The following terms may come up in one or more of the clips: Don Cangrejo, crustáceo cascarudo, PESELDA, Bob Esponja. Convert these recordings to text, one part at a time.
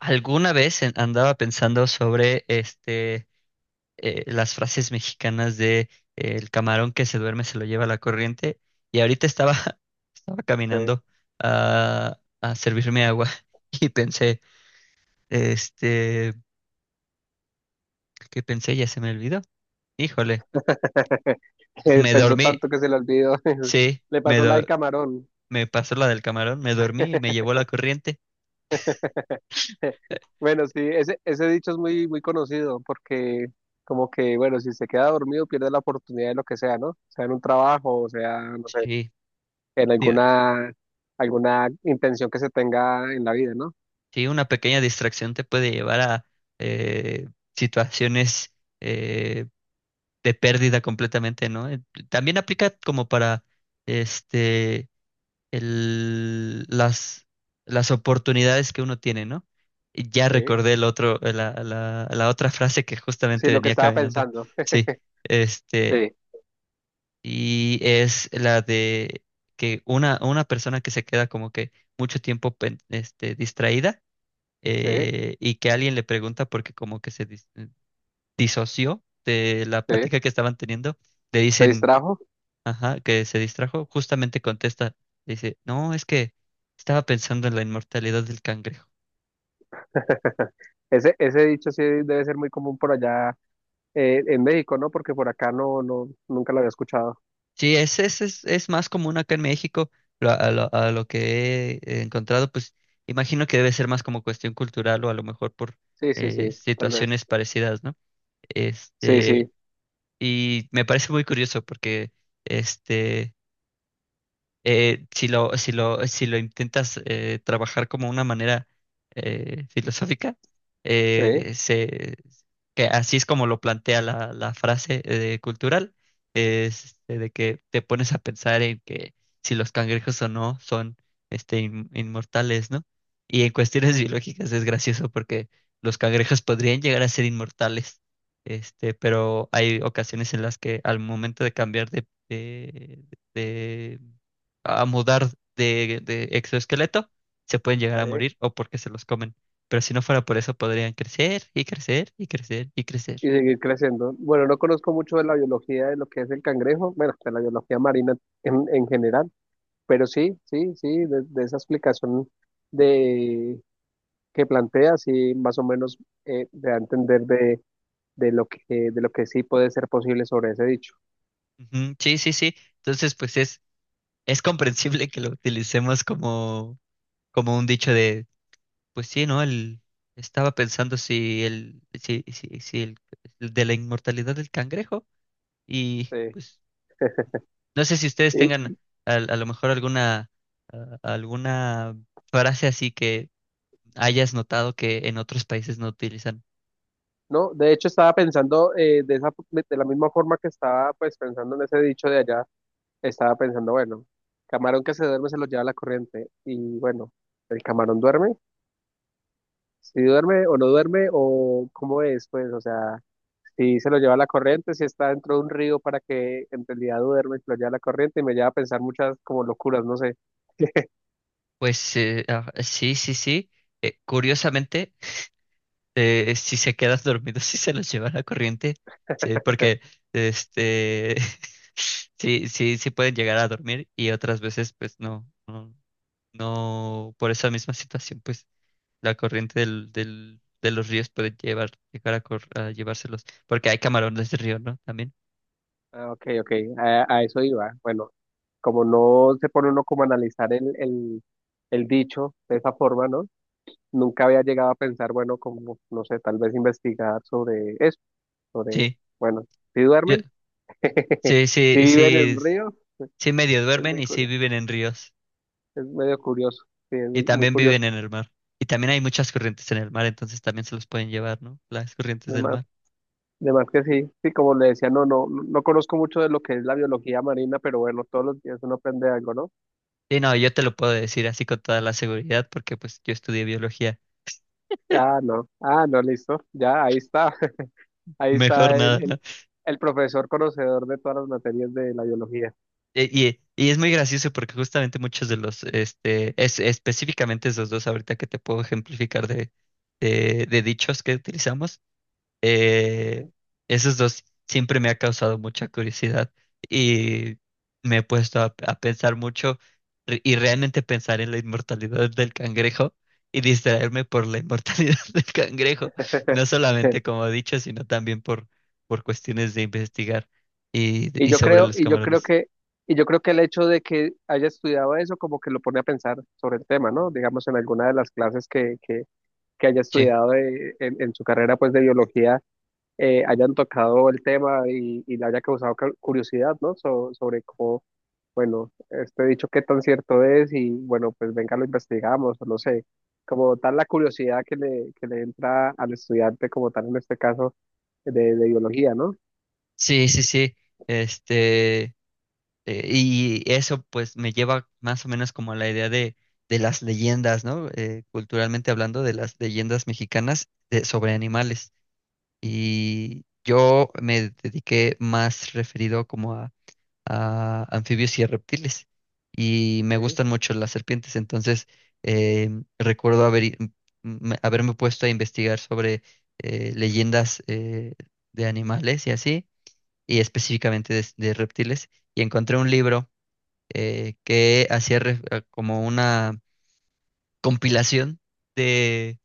Alguna vez andaba pensando sobre las frases mexicanas de el camarón que se duerme se lo lleva la corriente y ahorita estaba, estaba Sí. caminando a servirme agua y pensé, este, ¿qué pensé? Ya se me olvidó. Híjole, Eh, me Pensó dormí, tanto que se le olvidó. sí, Le pasó la del camarón. me pasó la del camarón, me dormí y me llevó la corriente. Bueno, sí, ese dicho es muy conocido porque como que, bueno, si se queda dormido pierde la oportunidad de lo que sea, ¿no? Sea en un trabajo, o sea, no sé, Sí, en alguna, alguna intención que se tenga en la vida, ¿no? Sí, una pequeña distracción te puede llevar a eh, situaciones eh, de pérdida completamente, ¿no? También aplica como para este el, las, las oportunidades que uno tiene, ¿no? Ya Sí, recordé el otro, la otra frase que sí, justamente lo que venía estaba caminando. pensando. Sí, este, Sí, y es la de que una persona que se queda como que mucho tiempo distraída sí, eh, y que alguien le pregunta porque como que disoció de la sí, plática que estaban teniendo, le se dicen, distrajo. ajá, que se distrajo, justamente contesta, dice, no, es que estaba pensando en la inmortalidad del cangrejo. Ese dicho sí debe ser muy común por allá. En México, ¿no? Porque por acá no, no, nunca lo había escuchado. Sí, es más común acá en México, a lo que he encontrado, pues imagino que debe ser más como cuestión cultural o a lo mejor por Sí, sí, sí, tal vez. situaciones parecidas, ¿no? Sí, sí, Este, y me parece muy curioso porque, este, si lo intentas trabajar como una manera filosófica, sí, eh, se, que así es como lo plantea la frase cultural, de que te pones a pensar en que si los cangrejos o no son inmortales, ¿no? Y en cuestiones biológicas es gracioso porque los cangrejos podrían llegar a ser inmortales. Este, pero hay ocasiones en las que al momento de de a mudar de exoesqueleto, se pueden llegar sí. a morir o porque se los comen. Pero si no fuera por eso, podrían crecer y crecer y crecer y crecer. Y seguir creciendo. Bueno, no conozco mucho de la biología de lo que es el cangrejo, bueno, de la biología marina en general, pero sí, sí, sí, de esa explicación de que plantea, sí, más o menos me da a entender de lo que, de lo que sí puede ser posible sobre ese dicho. Ujú, sí, sí, sí. Entonces, es comprensible que lo utilicemos como, como un dicho de, pues sí, ¿no? Estaba pensando si el, si, si, si el, el de la inmortalidad del cangrejo y Sí. pues no sé si ustedes Y, tengan a lo mejor alguna, alguna frase así que hayas notado que en otros países no utilizan. ¿no? De hecho, estaba pensando de esa, de la misma forma que estaba pues pensando en ese dicho de allá, estaba pensando, bueno, camarón que se duerme se lo lleva la corriente y bueno, el camarón duerme, si duerme o no duerme o cómo es, pues, o sea, si se lo lleva la corriente, si está dentro de un río para que en realidad duerme, se lo lleva la corriente y me lleva a pensar muchas como locuras, no sé. Pues sí, sí, sí. Curiosamente, si se quedan dormidos, si se los lleva la corriente, sí, porque este, sí, sí, sí pueden llegar a dormir y otras veces, pues no, no, no, por esa misma situación, pues la corriente de los ríos puede llegar a, a llevárselos, porque hay camarones de río, ¿no? También. Ah, ok, ok, a eso iba. Bueno, como no se pone uno como a analizar el dicho de esa forma, ¿no? Nunca había llegado a pensar, bueno, como, no sé, tal vez investigar sobre eso, sobre, Sí, bueno, si yo- duermen, sí, si sí, viven en sí, el río, sí medio es duermen muy y sí curioso, viven en ríos. es medio curioso, sí, es Y muy también curioso. viven en el mar. Y también hay muchas corrientes en el mar, entonces también se los pueden llevar, ¿no? Las corrientes del Además, mar. además que sí, sí, como le decía, no, no, no conozco mucho de lo que es la biología marina, pero bueno, todos los días uno aprende algo, ¿no? Sí, no, yo te lo puedo decir así con toda la seguridad porque pues yo estudié biología. Ah, no, ah, no, listo, ya, ahí está, ahí Mejor está nada, el, ¿no? el, el profesor conocedor de todas las materias de la biología. Y es muy gracioso porque justamente muchos de los, específicamente esos dos ahorita que te puedo ejemplificar de dichos que utilizamos. Eh, ¿Eh? Esos dos siempre me ha causado mucha curiosidad y me he puesto a pensar mucho y realmente pensar en la inmortalidad del cangrejo y distraerme por la inmortalidad del cangrejo, no solamente como he dicho, sino también por cuestiones de investigar y sobre los y yo creo camarones. que, y yo creo que el hecho de que haya estudiado eso como que lo pone a pensar sobre el tema, ¿no? Digamos, en alguna de las clases que haya Sí, estudiado en su carrera pues de biología, hayan tocado el tema y le haya causado curiosidad, ¿no? Sobre cómo, bueno, este dicho qué tan cierto es y bueno, pues venga, lo investigamos, o no sé, como tal la curiosidad que le entra al estudiante como tal en este caso de biología, ¿no? sí, sí, sí. Este, y eso pues me lleva más o menos como a la idea de las leyendas, ¿no? Culturalmente hablando de las leyendas mexicanas sobre animales. Y yo me dediqué más referido como a anfibios y a reptiles. Y me Sí, gustan mucho las serpientes, entonces eh, recuerdo haberme puesto a investigar sobre leyendas de animales y así, y específicamente de reptiles, y encontré un libro que hacía como una compilación de,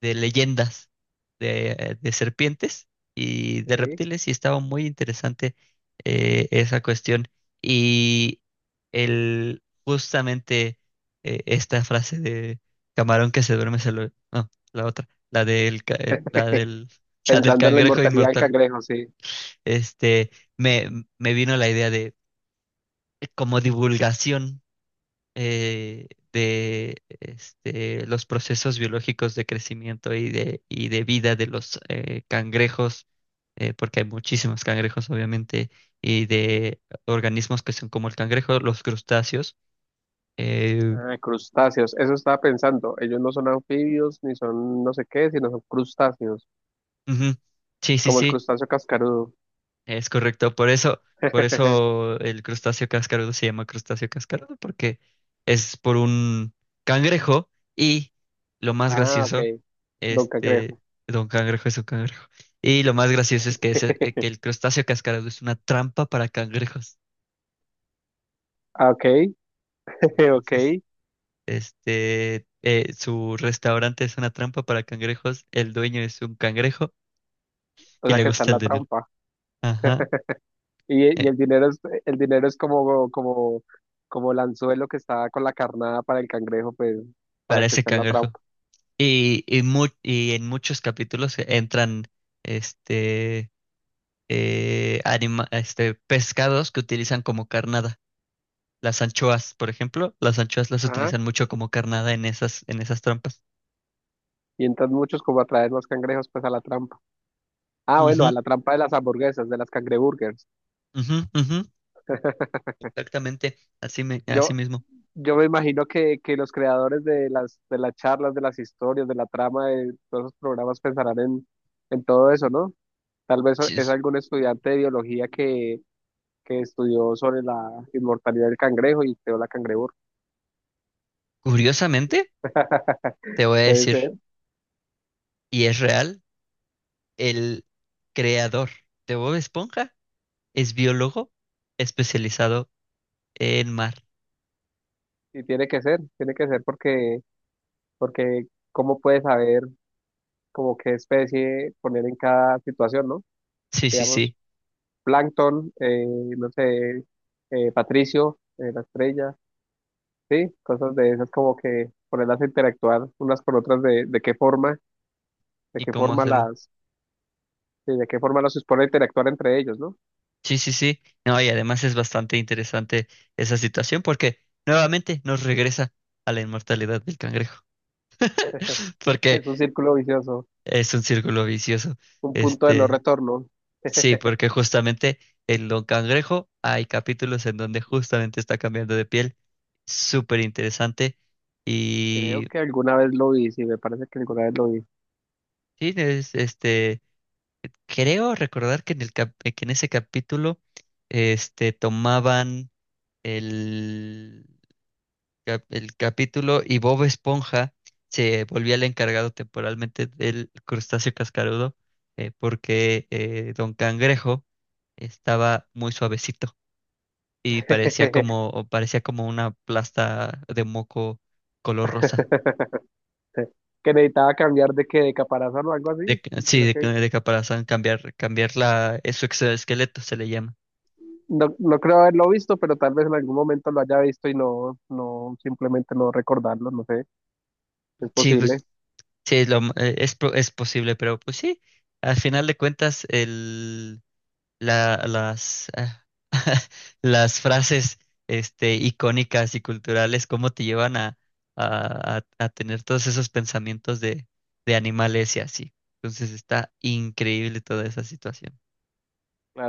de leyendas de serpientes y de sí. reptiles y estaba muy interesante esa cuestión. Y el, justamente esta frase de camarón que se duerme se lo... No, la otra, la del, ca- el- la del, la del Pensando en la cangrejo inmortalidad del inmortal. cangrejo, sí. Este, me, me vino la idea de como divulgación los procesos biológicos de crecimiento y de vida de los cangrejos, porque hay muchísimos cangrejos, obviamente, y de organismos que son como el cangrejo, los crustáceos. Eh, Ah, crustáceos, eso estaba pensando. Ellos no son anfibios ni son no sé qué, sino son crustáceos, ujú. Sí, sí, como el sí. crustáceo cascarudo. Es correcto, por eso el crustáceo cascarudo se llama crustáceo cascarudo, porque es por un cangrejo y lo más Ah, ok. gracioso, Don este, cangrejo. don cangrejo es un cangrejo. Y lo más gracioso es que, que el crustáceo cascarudo es una trampa para cangrejos. Ah, ok, ok. Entonces, su restaurante es una trampa para cangrejos, el dueño es un cangrejo O y sea le que está gusta en el la dinero. trampa. Ajá, eh, Y el dinero es como, como, como el anzuelo que está con la carnada para el cangrejo, pues, para para que ese esté en la cangrejo. trampa. Y en muchos capítulos entran este, pescados que utilizan como carnada. Las anchoas, por ejemplo, las anchoas las Ajá. utilizan mucho como carnada en esas trampas. Y entran muchos como a traer los cangrejos, pues, a la trampa. Ah, bueno, a Ujú, la trampa de las hamburguesas, de las cangreburgers. ujú, ujú, exactamente, así, así Yo, mismo. yo me imagino que los creadores de las charlas, de las historias, de la trama, de todos los programas pensarán en todo eso, ¿no? Tal vez Sí, es es- algún estudiante de biología que estudió sobre la inmortalidad del cangrejo y creó la cangreburger. Curiosamente, te voy a Puede decir, ser, y es real, el creador de Bob Esponja es biólogo especializado en mar. y tiene que ser porque, porque cómo puedes saber como qué especie poner en cada situación, ¿no? Sí, sí, Digamos, sí. plancton, no sé, Patricio, la estrella, sí, cosas de esas como que ponerlas a interactuar unas con otras de ¿Y qué cómo forma hacerlo? las, sí, de qué forma las supone interactuar entre ellos, ¿no? Sí, sí, sí. No, y además es bastante interesante esa situación porque nuevamente nos regresa a la inmortalidad del cangrejo, porque Es un círculo vicioso, es un círculo vicioso. un punto de no Este, retorno. sí, porque justamente en Don Cangrejo hay capítulos en donde justamente está cambiando de piel. Súper interesante. Creo Y que alguna vez lo vi, sí, me parece que alguna vez lo vi. sí, es- este, creo recordar que que en ese capítulo, este, tomaban el el capítulo y Bob Esponja se volvía el encargado temporalmente del crustáceo cascarudo, porque Don Cangrejo estaba muy suavecito y parecía como o parecía como una plasta de moco color rosa. Sí, que necesitaba cambiar de que de caparazón o algo De, así. ca- Y sí, creo de, que ca- De caparazón, cambiar, cambiar la, su exoesqueleto se le llama. no, no creo haberlo visto, pero tal vez en algún momento lo haya visto y no, no, simplemente no recordarlo, no sé, es Sí, posible. pues sí, lo m- es, po- es posible, pero pues sí, al final de cuentas el la- las, ah, las frases este, icónicas y culturales, cómo te llevan a tener todos esos pensamientos de animales y así. Entonces está increíble toda esa situación.